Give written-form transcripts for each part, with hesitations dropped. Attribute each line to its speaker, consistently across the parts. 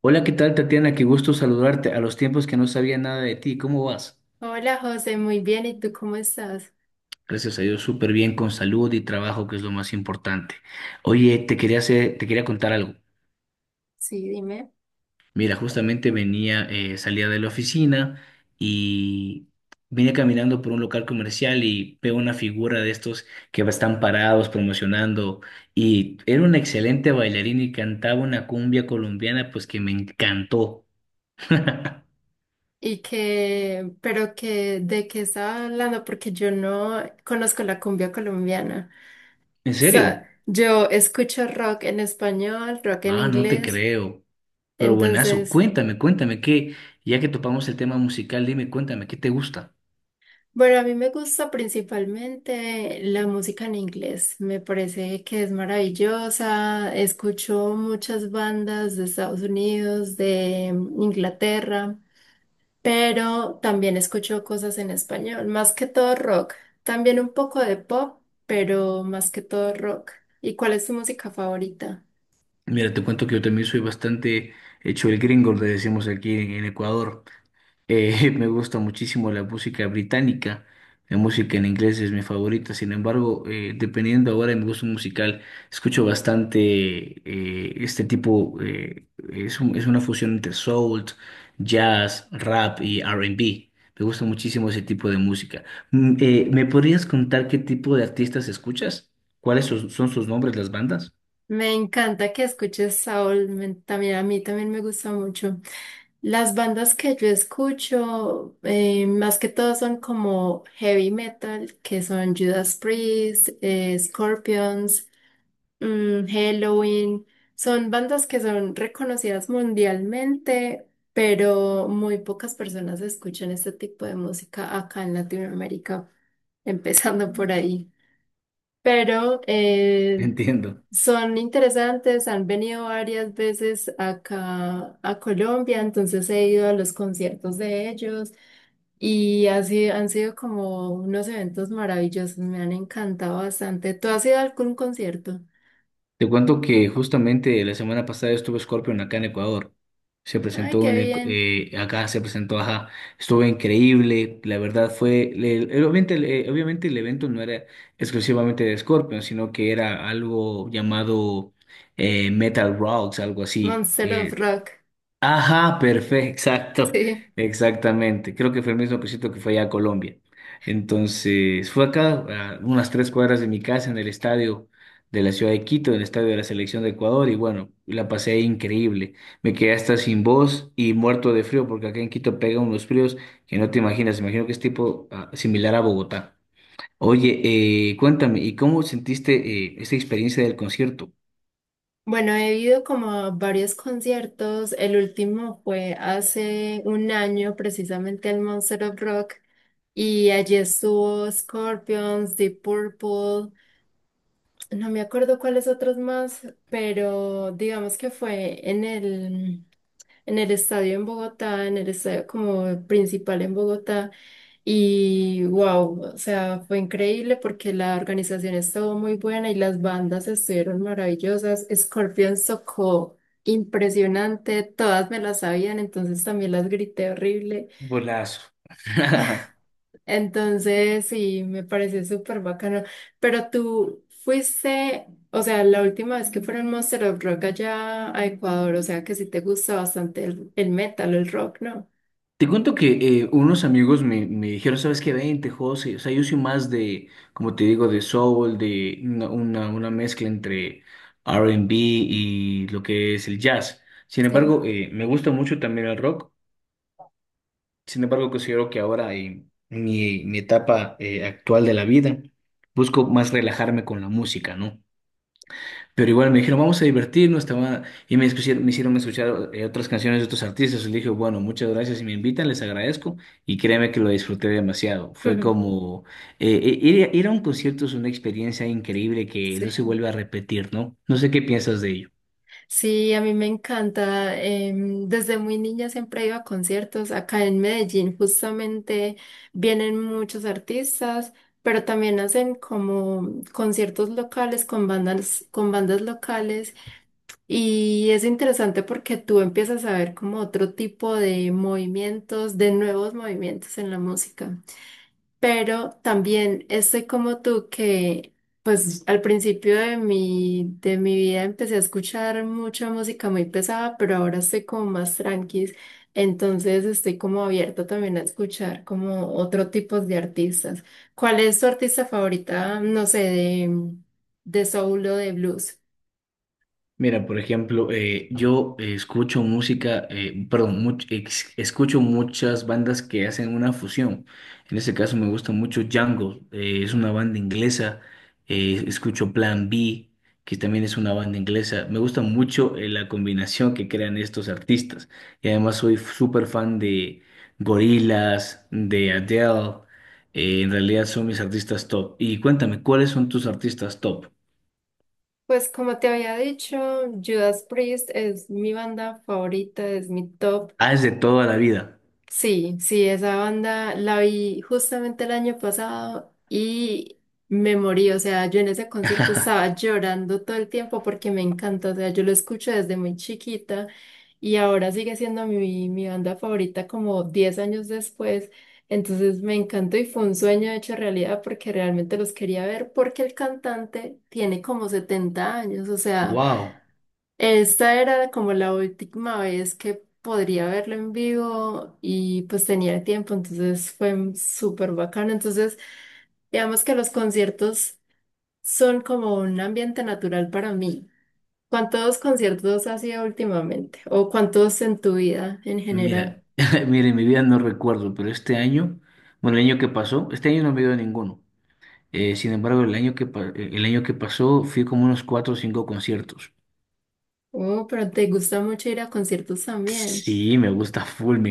Speaker 1: Hola, ¿qué tal, Tatiana? Qué gusto saludarte. A los tiempos que no sabía nada de ti, ¿cómo vas?
Speaker 2: Hola José, muy bien. ¿Y tú cómo estás?
Speaker 1: Gracias a Dios, súper bien, con salud y trabajo, que es lo más importante. Oye, te quería contar algo.
Speaker 2: Sí, dime.
Speaker 1: Mira, justamente salía de la oficina y vine caminando por un local comercial y veo una figura de estos que están parados promocionando y era una excelente bailarina y cantaba una cumbia colombiana, pues que me encantó.
Speaker 2: ¿Y que, pero que de qué estaba hablando? Porque yo no conozco la cumbia colombiana.
Speaker 1: ¿En
Speaker 2: O sea,
Speaker 1: serio?
Speaker 2: yo escucho rock en español, rock en
Speaker 1: Ah, no te
Speaker 2: inglés.
Speaker 1: creo. Pero buenazo,
Speaker 2: Entonces,
Speaker 1: cuéntame que ya que topamos el tema musical, dime, cuéntame, ¿qué te gusta?
Speaker 2: bueno, a mí me gusta principalmente la música en inglés. Me parece que es maravillosa. Escucho muchas bandas de Estados Unidos, de Inglaterra. Pero también escucho cosas en español, más que todo rock, también un poco de pop, pero más que todo rock. ¿Y cuál es tu música favorita?
Speaker 1: Mira, te cuento que yo también soy bastante hecho el gringo, le decimos aquí en Ecuador. Me gusta muchísimo la música británica. La música en inglés es mi favorita. Sin embargo, dependiendo ahora de mi gusto musical, escucho bastante eh, este tipo. eh, es una fusión entre soul, jazz, rap y R&B. Me gusta muchísimo ese tipo de música. ¿Me podrías contar qué tipo de artistas escuchas? ¿ son sus nombres, las bandas?
Speaker 2: Me encanta que escuches Saúl, también a mí también me gusta mucho. Las bandas que yo escucho, más que todo son como heavy metal, que son Judas Priest, Scorpions, Halloween, son bandas que son reconocidas mundialmente, pero muy pocas personas escuchan este tipo de música acá en Latinoamérica, empezando por ahí. Pero
Speaker 1: Entiendo.
Speaker 2: son interesantes, han venido varias veces acá a Colombia, entonces he ido a los conciertos de ellos y así han sido como unos eventos maravillosos, me han encantado bastante. ¿Tú has ido a algún concierto?
Speaker 1: Te cuento que justamente la semana pasada estuve Scorpion acá en Ecuador. Se
Speaker 2: Ay,
Speaker 1: presentó
Speaker 2: qué
Speaker 1: en el-
Speaker 2: bien.
Speaker 1: acá, se presentó, ajá, estuvo increíble. La verdad fue, le- el- obviamente, el- obviamente el evento no era exclusivamente de Scorpion, sino que era algo llamado Metal Rocks, algo así.
Speaker 2: Monster of Rock,
Speaker 1: Ajá, perfecto, exacto,
Speaker 2: sí.
Speaker 1: exactamente. Creo que fue el mismo cosito que fue allá a Colombia. Entonces, fue acá, a unas tres cuadras de mi casa, en el estadio de la ciudad de Quito, en el estadio de la selección de Ecuador, y bueno, la pasé ahí increíble. Me quedé hasta sin voz y muerto de frío, porque acá en Quito pegan unos fríos que no te imaginas. Imagino que es tipo ah, similar a Bogotá. Oye, cuéntame, ¿y cómo sentiste esta experiencia del concierto?
Speaker 2: Bueno, he ido como a varios conciertos. El último fue hace un año, precisamente al Monster of Rock. Y allí estuvo Scorpions, Deep Purple. No me acuerdo cuáles otros más, pero digamos que fue en el estadio en Bogotá, en el estadio como principal en Bogotá. Y wow, o sea, fue increíble porque la organización estuvo muy buena y las bandas estuvieron maravillosas. Scorpions tocó impresionante, todas me las sabían, entonces también las grité horrible.
Speaker 1: Golazo.
Speaker 2: Entonces, sí, me pareció súper bacano. Pero tú fuiste, o sea, la última vez que fueron Monster of Rock allá a Ecuador, o sea, que sí te gusta bastante el metal, el rock, ¿no?
Speaker 1: Te cuento que unos amigos me dijeron, ¿sabes qué? Vente, José. O sea, yo soy más de, como te digo, de soul, de una mezcla entre R and B y lo que es el jazz. Sin
Speaker 2: Sí.
Speaker 1: embargo, me gusta mucho también el rock. Sin embargo, considero que ahora mi etapa actual de la vida busco más relajarme con la música, ¿no? Pero igual me dijeron, vamos a divertirnos, te va- y me, escucharon- me hicieron escuchar otras canciones de otros artistas. Y le dije, bueno, muchas gracias, si me invitan, les agradezco. Y créeme que lo disfruté demasiado. Fue
Speaker 2: Ujú.
Speaker 1: como, ir a un concierto es una experiencia increíble que no se
Speaker 2: Sí,
Speaker 1: vuelve a repetir, ¿no? No sé qué piensas de ello.
Speaker 2: sí, a mí me encanta. Desde muy niña siempre he ido a conciertos. Acá en Medellín justamente vienen muchos artistas, pero también hacen como conciertos locales con bandas locales. Y es interesante porque tú empiezas a ver como otro tipo de movimientos, de nuevos movimientos en la música. Pero también estoy como tú que, pues al principio de mi vida empecé a escuchar mucha música muy pesada, pero ahora estoy como más tranquis, entonces estoy como abierta también a escuchar como otro tipo de artistas. ¿Cuál es tu artista favorita? No sé, de soul o de blues.
Speaker 1: Mira, por ejemplo, perdón, escucho muchas bandas que hacen una fusión. En este caso me gusta mucho Django, es una banda inglesa. Escucho Plan B, que también es una banda inglesa. Me gusta mucho la combinación que crean estos artistas. Y además soy súper fan de Gorillaz, de Adele. En realidad son mis artistas top. Y cuéntame, ¿cuáles son tus artistas top?
Speaker 2: Pues como te había dicho, Judas Priest es mi banda favorita, es mi top.
Speaker 1: Ah, es de toda la vida.
Speaker 2: Sí, sí, esa banda la vi justamente el año pasado y me morí, o sea, yo en ese concierto estaba llorando todo el tiempo porque me encanta, o sea, yo lo escucho desde muy chiquita y ahora sigue siendo mi banda favorita como 10 años después, entonces me encantó y fue un sueño hecho realidad porque realmente los quería ver porque el cantante tiene como 70 años, o sea...
Speaker 1: Wow,
Speaker 2: Esta era como la última vez que podría verlo en vivo y pues tenía tiempo, entonces fue súper bacano. Entonces, digamos que los conciertos son como un ambiente natural para mí. ¿Cuántos conciertos has ido últimamente? ¿O cuántos en tu vida en general?
Speaker 1: mira, mire, en mi vida no recuerdo, pero este año, bueno, el año que pasó, este año no me dio ninguno. Sin embargo, el año que pasó fui como unos cuatro o cinco conciertos.
Speaker 2: Oh, pero te gusta mucho ir a conciertos también.
Speaker 1: Sí, me gusta full, me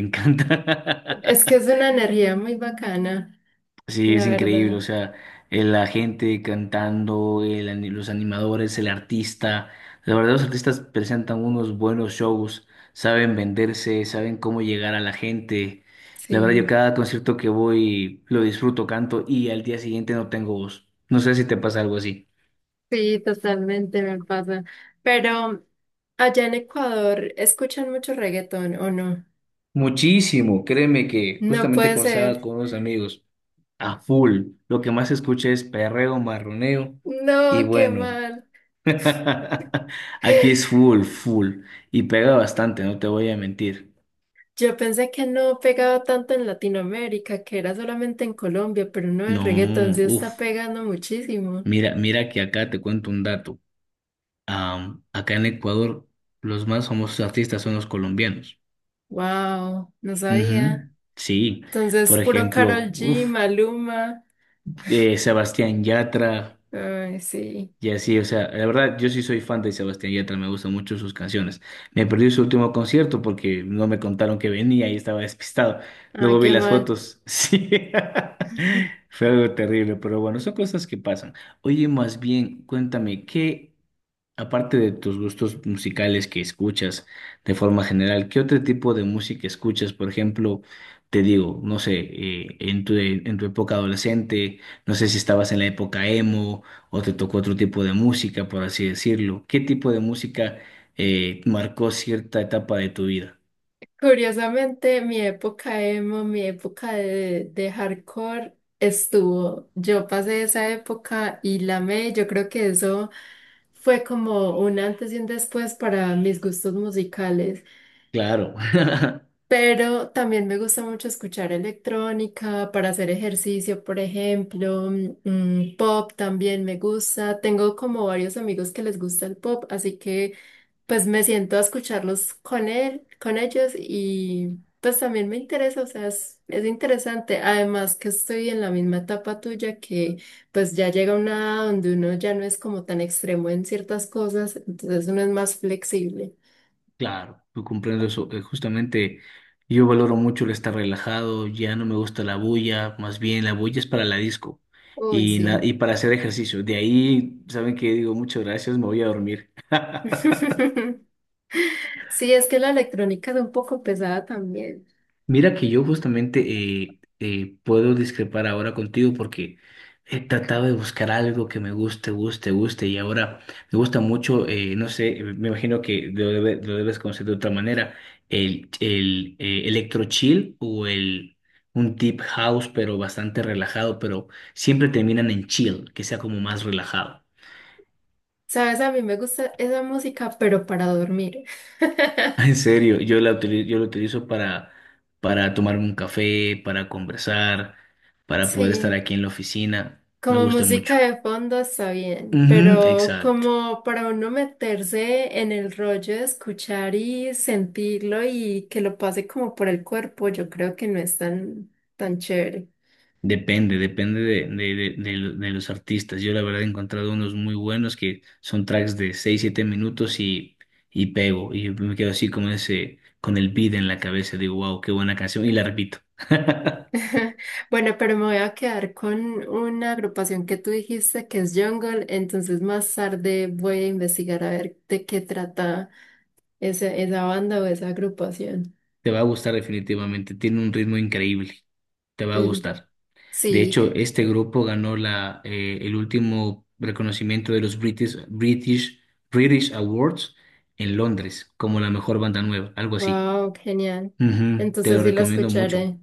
Speaker 2: Es que
Speaker 1: encanta.
Speaker 2: es una energía muy bacana,
Speaker 1: Sí,
Speaker 2: la
Speaker 1: es increíble, o
Speaker 2: verdad.
Speaker 1: sea, la gente cantando, el ani- los animadores, el artista, la verdad los artistas presentan unos buenos shows, saben venderse, saben cómo llegar a la gente. La verdad yo
Speaker 2: Sí.
Speaker 1: cada concierto que voy lo disfruto, canto y al día siguiente no tengo voz. No sé si te pasa algo así.
Speaker 2: Sí, totalmente me pasa. Pero allá en Ecuador, ¿escuchan mucho reggaetón o no?
Speaker 1: Muchísimo, créeme que
Speaker 2: No
Speaker 1: justamente
Speaker 2: puede
Speaker 1: conversaba
Speaker 2: ser.
Speaker 1: con unos amigos a full. Lo que más se escucha es perreo, marroneo y
Speaker 2: No, qué
Speaker 1: bueno.
Speaker 2: mal.
Speaker 1: Aquí es full, full. Y pega bastante, no te voy a mentir.
Speaker 2: Yo pensé que no pegaba tanto en Latinoamérica, que era solamente en Colombia, pero no, el
Speaker 1: No,
Speaker 2: reggaetón sí está
Speaker 1: uff.
Speaker 2: pegando muchísimo.
Speaker 1: Mira, que acá te cuento un dato. Acá en Ecuador, los más famosos artistas son los colombianos.
Speaker 2: Wow, no
Speaker 1: Ujú.
Speaker 2: sabía.
Speaker 1: Sí,
Speaker 2: Entonces,
Speaker 1: por
Speaker 2: puro
Speaker 1: ejemplo,
Speaker 2: Karol G,
Speaker 1: uff,
Speaker 2: Maluma.
Speaker 1: Sebastián Yatra.
Speaker 2: Ay, sí.
Speaker 1: Y así, o sea, la verdad, yo sí soy fan de Sebastián Yatra, me gustan mucho sus canciones. Me perdí su último concierto porque no me contaron que venía y estaba despistado.
Speaker 2: Ah,
Speaker 1: Luego vi
Speaker 2: qué
Speaker 1: las
Speaker 2: mal.
Speaker 1: fotos, sí. Fue algo terrible, pero bueno, son cosas que pasan. Oye, más bien, cuéntame, ¿qué aparte de tus gustos musicales que escuchas de forma general, ¿qué otro tipo de música escuchas? Por ejemplo, te digo, no sé, en tu época adolescente, no sé si estabas en la época emo o te tocó otro tipo de música, por así decirlo. ¿Qué tipo de música marcó cierta etapa de tu vida?
Speaker 2: Curiosamente, mi época emo, mi época de hardcore estuvo. Yo pasé esa época y la amé. Yo creo que eso fue como un antes y un después para mis gustos musicales.
Speaker 1: Claro.
Speaker 2: Pero también me gusta mucho escuchar electrónica para hacer ejercicio, por ejemplo. Mm, pop también me gusta. Tengo como varios amigos que les gusta el pop, así que pues me siento a escucharlos con él, con ellos y pues también me interesa, o sea, es interesante. Además que estoy en la misma etapa tuya que pues ya llega una edad donde uno ya no es como tan extremo en ciertas cosas, entonces uno es más flexible.
Speaker 1: Claro, yo comprendo eso. Justamente yo valoro mucho el estar relajado, ya no me gusta la bulla, más bien la bulla es para la disco
Speaker 2: Uy,
Speaker 1: y,
Speaker 2: sí.
Speaker 1: y para hacer ejercicio. De ahí, ¿saben qué? Digo, muchas gracias, me voy a dormir.
Speaker 2: Sí, es que la electrónica es un poco pesada también.
Speaker 1: Mira que yo justamente puedo discrepar ahora contigo porque he tratado de buscar algo que me guste y ahora me gusta mucho, no sé, me imagino que lo debes conocer de otra manera, el electro chill o el un deep house pero bastante relajado, pero siempre terminan en chill, que sea como más relajado.
Speaker 2: Sabes, a mí me gusta esa música, pero para dormir.
Speaker 1: Ah, en serio, yo lo utilizo para tomarme un café, para conversar, para poder estar
Speaker 2: Sí,
Speaker 1: aquí en la oficina. Me
Speaker 2: como
Speaker 1: gusta mucho.
Speaker 2: música de fondo está bien,
Speaker 1: Ujú,
Speaker 2: pero
Speaker 1: exacto.
Speaker 2: como para uno meterse en el rollo de escuchar y sentirlo y que lo pase como por el cuerpo, yo creo que no es tan chévere.
Speaker 1: Depende, depende de los artistas. Yo la verdad he encontrado unos muy buenos que son tracks de 6 7 minutos y pego. Y me quedo así como ese, con el beat en la cabeza. Digo, wow, qué buena canción. Y la repito.
Speaker 2: Bueno, pero me voy a quedar con una agrupación que tú dijiste que es Jungle, entonces más tarde voy a investigar a ver de qué trata esa banda o esa agrupación.
Speaker 1: Te va a gustar definitivamente. Tiene un ritmo increíble. Te va a
Speaker 2: Y-
Speaker 1: gustar. De
Speaker 2: sí,
Speaker 1: hecho, este grupo ganó la, el último reconocimiento de los British Awards en Londres como la mejor banda nueva, algo así.
Speaker 2: wow, genial.
Speaker 1: Ujú, te
Speaker 2: Entonces
Speaker 1: lo
Speaker 2: sí
Speaker 1: recomiendo mucho.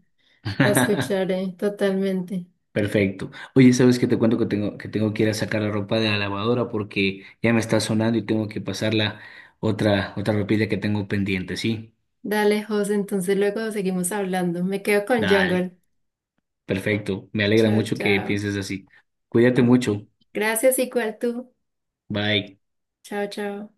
Speaker 2: la escucharé totalmente.
Speaker 1: Perfecto. Oye, ¿sabes qué te cuento que tengo que ir a sacar la ropa de la lavadora porque ya me está sonando y tengo que pasarla otra ropilla que tengo pendiente, ¿sí?
Speaker 2: Dale, José, entonces luego seguimos hablando. Me quedo con
Speaker 1: Dale.
Speaker 2: Jungle.
Speaker 1: Perfecto. Me alegra
Speaker 2: Chao,
Speaker 1: mucho que
Speaker 2: chao.
Speaker 1: pienses así. Cuídate mucho.
Speaker 2: Gracias, igual tú.
Speaker 1: Bye.
Speaker 2: Chao, chao.